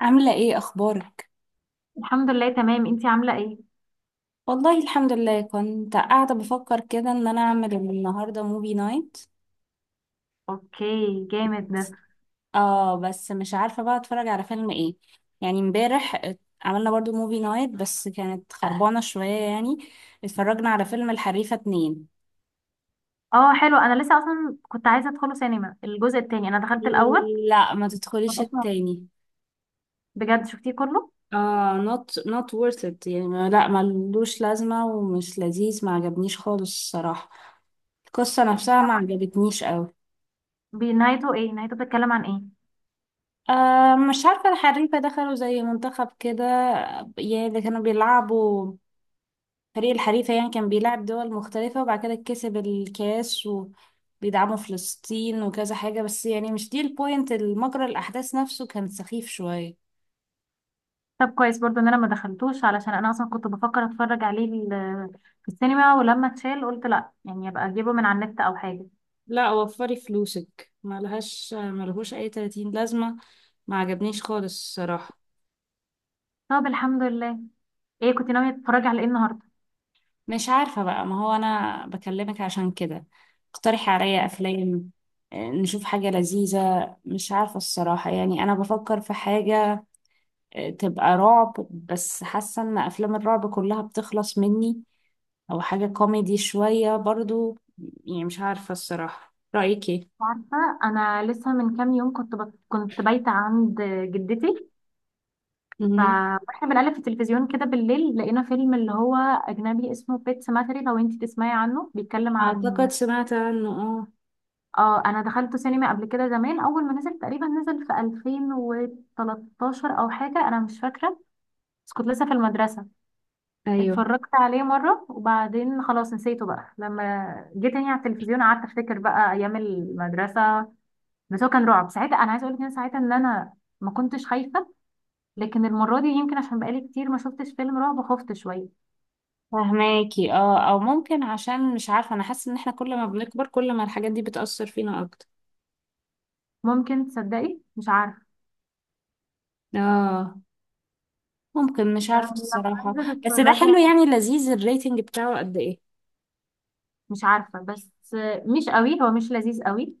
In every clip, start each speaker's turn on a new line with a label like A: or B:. A: عاملة ايه اخبارك؟
B: الحمد لله تمام. انتي عاملة ايه؟
A: والله الحمد لله، كنت قاعدة بفكر كده ان انا اعمل النهاردة موفي نايت.
B: اوكي. جامد ده.
A: اه بس مش عارفة بقى اتفرج على فيلم ايه. يعني امبارح عملنا برضو موفي نايت بس كانت خربانة شوية يعني. اتفرجنا على فيلم الحريفة اتنين.
B: اه حلو، انا لسه اصلا كنت عايزة ادخله سينما. الجزء التاني انا دخلت الاول،
A: لا ما
B: ما
A: تدخليش
B: بقاش مبسوطة.
A: التاني.
B: بجد شفتيه كله.
A: اه not not worth it يعني لا ملوش لازمة ومش لذيذ، ما عجبنيش خالص الصراحة. القصة نفسها ما
B: يلا.
A: عجبتنيش.
B: بنهايته ايه؟ نهايته بتتكلم عن ايه؟
A: أه مش عارفة، الحريفة دخلوا زي منتخب كده، يعني اللي كانوا بيلعبوا. فريق الحريفة يعني كان بيلعب دول مختلفة وبعد كده كسب الكاس وبيدعموا فلسطين وكذا حاجة، بس يعني مش دي البوينت، المجرى الأحداث نفسه كان سخيف شوية.
B: طب كويس برضو ان انا ما دخلتوش، علشان انا اصلا كنت بفكر اتفرج عليه في السينما، ولما اتشال قلت لا، يعني ابقى اجيبه من على النت او حاجة.
A: لا وفري فلوسك، ملهاش ملهوش أي 30 لازمة. ما عجبنيش خالص الصراحة.
B: طب الحمد لله. ايه كنت ناوية تتفرجي على ايه النهاردة؟
A: مش عارفة بقى، ما هو أنا بكلمك عشان كده. اقترحي عليا أفلام. نشوف حاجة لذيذة. مش عارفة الصراحة، يعني أنا بفكر في حاجة. تبقى رعب، بس حاسة إن أفلام الرعب كلها بتخلص مني. أو حاجة كوميدي شوية برضو. يعني مش عارفة الصراحة، رأيك إيه؟
B: عارفة انا لسه من كام يوم كنت كنت بايتة عند جدتي، ف-
A: مهم.
B: واحنا بنقلب في التلفزيون كده بالليل لقينا فيلم اللي هو اجنبي اسمه بيت سيماتري، لو انت تسمعي عنه. بيتكلم
A: أعتقد
B: عن،
A: سمعت عنه. اه.
B: اه، انا دخلته سينما قبل كده زمان اول ما نزل، تقريبا نزل في 2013 او حاجه، انا مش فاكره، بس كنت لسه في المدرسه.
A: أيوه
B: اتفرجت عليه مره وبعدين خلاص نسيته بقى. لما جيت تاني على التلفزيون قعدت افتكر بقى ايام المدرسه. بس هو كان رعب ساعتها، انا عايزه اقول لك إن أنا ساعتها ان انا ما كنتش خايفه، لكن المره دي يمكن عشان بقالي كتير ما شفتش فيلم رعب خفت شويه.
A: فهماكي، اه أو ممكن عشان مش عارفة، أنا حاسة إن احنا كل ما بنكبر كل ما الحاجات دي بتأثر فينا أكتر.
B: ممكن، تصدقي مش عارفه.
A: اه. ممكن، مش
B: طب
A: عارفة
B: لو
A: الصراحة.
B: عايزة
A: بس ده
B: تتفرجي
A: حلو
B: على،
A: يعني لذيذ؟ الريتنج بتاعه قد ايه؟
B: مش عارفه، بس مش قوي، هو مش لذيذ قوي.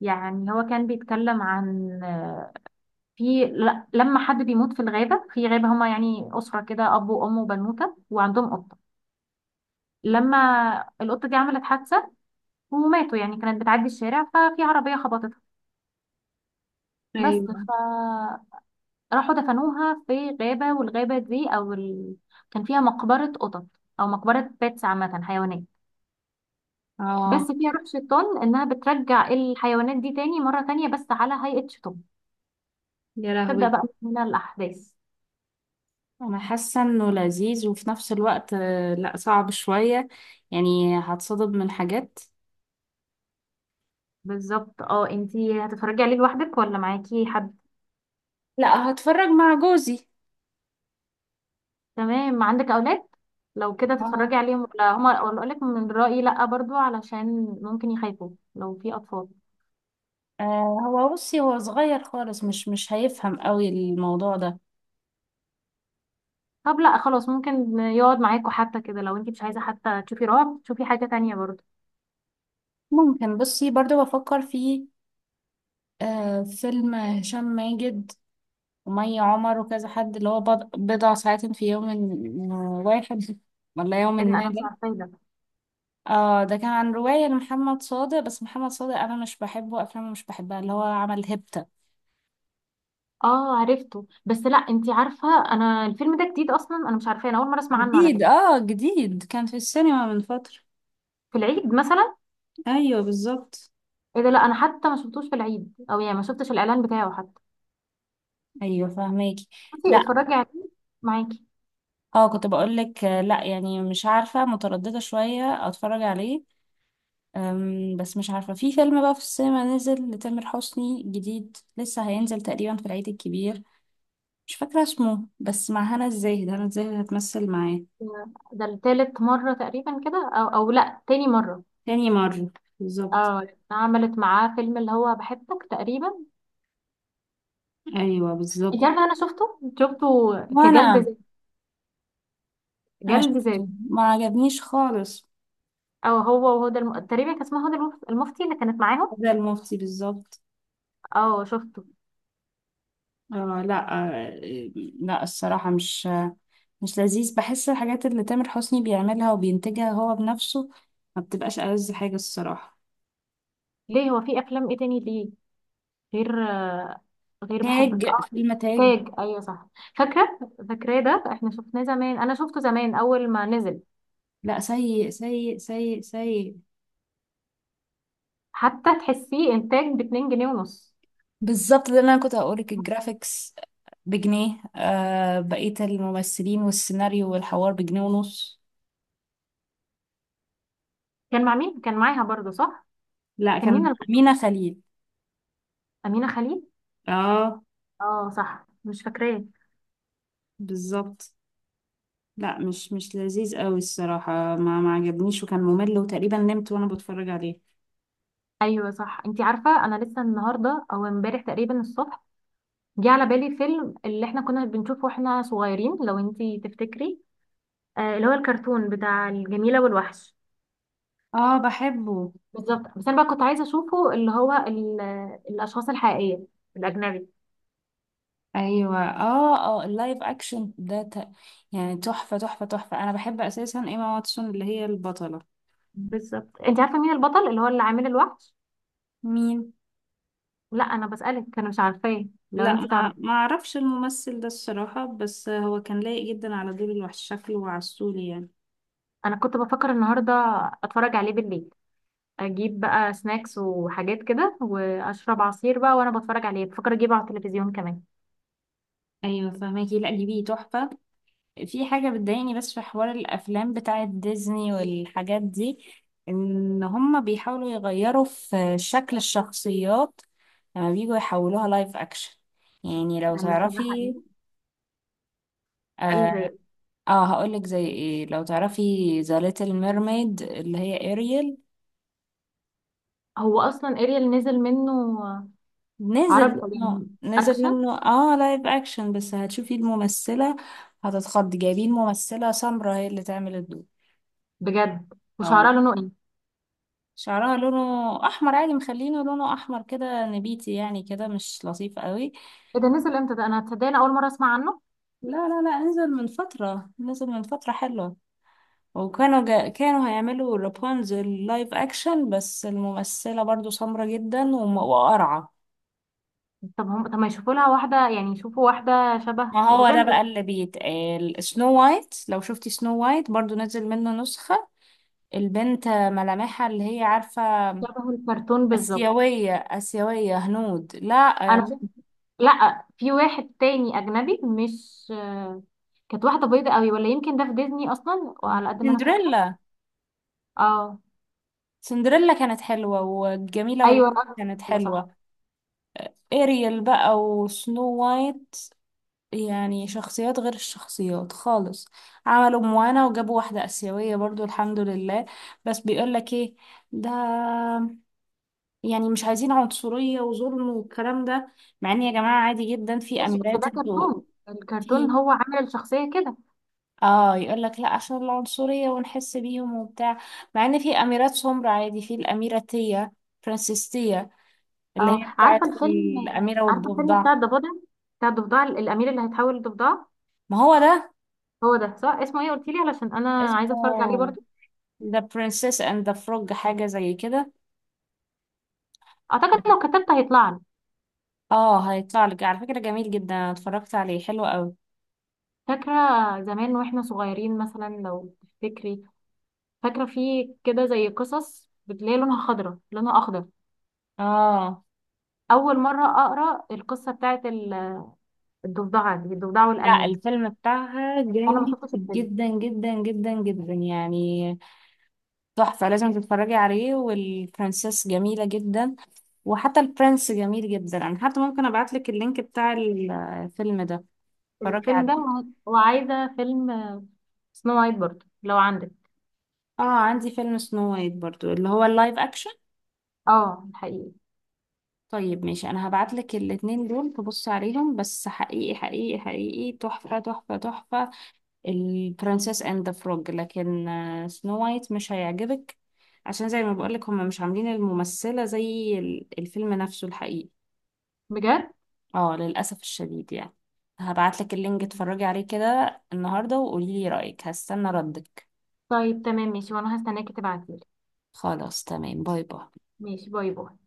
B: يعني هو كان بيتكلم عن، في لما حد بيموت في الغابه. في غابه هما يعني اسره كده، اب وام وبنوته وعندهم قطه. لما القطه دي عملت حادثه وماتوا، يعني كانت بتعدي الشارع ففي عربيه خبطتها، بس.
A: ايوه.
B: فراحوا دفنوها في غابه، والغابه دي او كان فيها مقبره قطط، او مقبره بيتس عامه، حيوانات، بس
A: اه.
B: فيها روح شيطان انها بترجع الحيوانات دي تاني، مرة تانية بس على هيئة شيطان.
A: يا
B: تبدأ
A: لهوي.
B: بقى من هنا الأحداث.
A: انا حاسة انه لذيذ، وفي نفس الوقت لا صعب شوية، يعني هتصدم من حاجات.
B: بالظبط. اه، انتي هتتفرجي عليه لوحدك ولا معاكي حد؟
A: لا هتفرج مع جوزي.
B: تمام. عندك أولاد؟ لو كده
A: اه.
B: تتفرجي عليهم ولا هما، ولا أقولك من رأيي، لأ برضو، علشان ممكن يخافوا لو في أطفال.
A: آه هو بصي هو صغير خالص، مش هيفهم قوي الموضوع ده.
B: طب لأ خلاص، ممكن يقعد معاكوا حتى كده. لو انتي مش عايزة حتى تشوفي رعب تشوفي حاجة تانية برضو.
A: ممكن. بصي برضو بفكر في آه فيلم هشام ماجد ومي عمر وكذا حد، اللي هو بضع ساعات في يوم واحد، ولا يوم
B: ايه ده؟
A: ما
B: انا مش
A: ده.
B: عارفة ايه ده.
A: اه ده كان عن رواية لمحمد صادق، بس محمد صادق انا مش بحبه، افلامه مش بحبها، اللي هو عمل هيبتا.
B: اه عرفته، بس لأ، انتي عارفة انا الفيلم ده جديد اصلا، انا مش عارفة، انا اول مرة اسمع عنه على
A: جديد
B: فكرة.
A: اه جديد، كان في السينما من فترة.
B: في العيد مثلا؟
A: ايوه بالظبط.
B: ايه ده، لا انا حتى ما شفتوش في العيد، او يعني ما شفتش الاعلان بتاعه حتى.
A: ايوه فهماكي.
B: بصي
A: لا
B: اتفرجي عليه معاكي.
A: اه كنت بقول لك لا يعني مش عارفة، مترددة شوية اتفرج عليه. بس مش عارفة، في فيلم بقى في السينما نزل لتامر حسني، جديد لسه هينزل تقريبا في العيد الكبير. مش فاكرة اسمه، بس مع هنا الزاهد، هنا الزاهد هتمثل معاه.
B: ده التالت مرة تقريبا كده، او، او لا، تاني مرة.
A: تاني مرة بالظبط.
B: اه عملت معاه فيلم اللي هو بحبك تقريبا.
A: أيوة بالظبط.
B: انت عارفة انا شفته، شفته كجلد
A: وأنا.
B: ذات.
A: أنا
B: جلد ذات.
A: شفته ما عجبنيش خالص.
B: او هو وهدى تقريبا كان اسمها هدى المفتي اللي كانت معاهم.
A: ده المفتي بالظبط.
B: اه شفته.
A: آه لا. آه لا الصراحة، مش مش لذيذ، بحس الحاجات اللي تامر حسني بيعملها وبينتجها هو بنفسه ما بتبقاش ألذ حاجة الصراحة.
B: ليه، هو في افلام ايه تاني؟ ليه غير غير بحبك؟
A: تاج،
B: اه،
A: فيلم تاج.
B: تاج، ايوه صح، فاكره. فاكراه، ده احنا شفناه زمان، انا شفته زمان اول ما نزل.
A: لا، سيء سيء سيء سيء.
B: حتى تحسيه انتاج ب 2 جنيه ونص.
A: بالظبط، ده اللي انا كنت هقولك، الجرافيكس بجنيه، آه بقية الممثلين والسيناريو والحوار بجنيه ونص.
B: كان مع مين، كان معاها برضه صح؟
A: لا
B: كان
A: كان،
B: مين
A: أمينة خليل.
B: امينه خليل.
A: اه
B: اه صح، مش فاكراه.
A: بالظبط. لا مش مش لذيذ قوي الصراحة، ما عجبنيش، وكان ممل، وتقريبا نمت وانا بتفرج عليه.
B: ايوه صح. انتي عارفه انا لسه النهارده او امبارح تقريبا الصبح جه على بالي فيلم اللي احنا كنا بنشوفه واحنا صغيرين، لو انتي تفتكري، آه اللي هو الكرتون بتاع الجميله والوحش.
A: اه بحبه.
B: بالظبط، بس انا بقى كنت عايزه اشوفه اللي هو الاشخاص الحقيقيه، الاجنبي.
A: ايوه اه اه اللايف اكشن ده يعني تحفة تحفة تحفة، انا بحب اساسا ايما واتسون اللي هي البطلة.
B: بالظبط. انت عارفه مين البطل اللي هو اللي عامل الوحش؟
A: مين؟
B: لا انا بسالك، انا مش عارفاه، لو
A: لا
B: انت
A: ما
B: تعرفي.
A: ما اعرفش الممثل ده الصراحة، بس هو كان لايق جدا على دور الوحش، شكله وعسولي يعني.
B: انا كنت بفكر النهارده اتفرج عليه بالليل، اجيب بقى سناكس وحاجات كده واشرب عصير بقى وانا بتفرج عليه. بفكر اجيبه على التلفزيون كمان.
A: ايوه فهماكي. لا دي بيه تحفة. في حاجة بتضايقني بس في حوار الافلام بتاعة ديزني والحاجات دي، ان هما بيحاولوا يغيروا في شكل الشخصيات لما بيجوا يحولوها لايف اكشن. يعني لو
B: لما تبقى
A: تعرفي،
B: حقيقي. ايه
A: اه،
B: زي؟
A: آه هقولك زي ايه، لو تعرفي ذا ليتل ميرميد اللي هي اريل.
B: هو اصلا اريال نزل منه.
A: نزل
B: عربي او
A: منه،
B: يعني
A: نزل
B: اكشن.
A: منه اه لايف اكشن، بس هتشوفي الممثلة هتتخض، جايبين ممثلة سمرا هي اللي تعمل الدور.
B: بجد؟
A: اه.
B: وشعرها لونه ايه؟
A: شعرها لونه احمر عادي، مخلينه لونه احمر كده نبيتي، يعني كده مش لطيف قوي.
B: ايه ده، نزل امتى ده؟ انا تصدقني اول مره اسمع عنه.
A: لا نزل من فترة، نزل من فترة حلوة. كانوا هيعملوا رابونزل لايف اكشن، بس الممثلة برضو سمرة جدا وقرعة.
B: طب هم، طب ما يشوفوا لها واحدة، يعني يشوفوا واحدة شبه
A: ما هو ده
B: روبنزل.
A: بقى اللي بيتقال، سنو وايت، لو شفتي سنو وايت برضو نزل منه نسخة. البنت ملامحها اللي هي عارفة،
B: شبه الكرتون بالظبط.
A: آسيوية، آسيوية هنود لا.
B: انا
A: آم،
B: شفت، لا، في واحد تاني اجنبي، مش كانت واحدة بيضة قوي، ولا يمكن ده في ديزني اصلا، وعلى قد ما انا فاكرة.
A: سندريلا.
B: اه.
A: سندريلا كانت حلوة وجميلة
B: ايوه،
A: والحاجة
B: الأرض
A: كانت
B: السفلى، صح.
A: حلوة. إيريل بقى وسنو وايت، يعني شخصيات غير الشخصيات خالص. عملوا موانا وجابوا واحدة آسيوية برضو، الحمد لله. بس بيقولك ايه ده، يعني مش عايزين عنصرية وظلم والكلام ده. مع ان يا جماعة عادي جدا، في
B: ماشي، بس
A: أميرات
B: ده
A: انتوا،
B: كرتون،
A: في.
B: الكرتون هو عامل الشخصية كده.
A: اه يقول لك لا عشان العنصرية ونحس بيهم وبتاع. مع ان في اميرات سمر عادي، في الاميرة تيا، فرانسيس تيا، اللي
B: اه
A: هي
B: عارفة
A: بتاعت
B: الفيلم،
A: الاميرة
B: عارفة الفيلم
A: والضفدع.
B: بتاع الضفدع؟ بتاع الضفدع، الأمير اللي هيتحول لضفدع.
A: ما هو ده
B: هو ده صح، اسمه ايه؟ قلتيلي علشان انا عايزة اتفرج عليه
A: اسمه
B: برضه.
A: The Princess and the Frog، حاجة زي كده.
B: اعتقد لو كتبت هيطلع لي.
A: اه هيطلع لك على فكرة، جميل جدا، انا اتفرجت عليه، حلو قوي.
B: فاكرة زمان واحنا صغيرين، مثلا لو تفتكري، فاكرة في كده زي قصص بتلاقي لونها خضرة، لونها أخضر،
A: اه
B: أول مرة أقرأ القصة بتاعت الضفدعة دي، الضفدع
A: لا
B: والأمير.
A: الفيلم بتاعها
B: أنا ما
A: جامد
B: شفتش الفيلم.
A: جدا جدا جدا جدا يعني. تحفة، لازم تتفرجي عليه، والبرنسس جميلة جدا، وحتى البرنس جميل جدا. أنا حتى ممكن أبعتلك اللينك بتاع الفيلم ده، اتفرجي
B: الفيلم ده
A: عليه.
B: وعايزة فيلم سنو وايت برضه لو عندك.
A: اه عندي فيلم سنو وايت برضو اللي هو اللايف أكشن.
B: اه الحقيقي.
A: طيب ماشي، أنا هبعتلك الاتنين دول، تبصي عليهم، بس حقيقي حقيقي حقيقي تحفة تحفة تحفة البرنسس اند ذا فروج، لكن سنو وايت مش هيعجبك، عشان زي ما بقولك هما مش عاملين الممثلة زي الفيلم نفسه الحقيقي.
B: بجد؟
A: اه للأسف الشديد يعني. هبعتلك اللينك، اتفرجي عليه كده النهاردة، وقوليلي رأيك، هستنى ردك.
B: طيب تمام ماشي، وأنا هستناكي تبعتيلي.
A: خلاص تمام، باي باي.
B: ماشي، باي باي.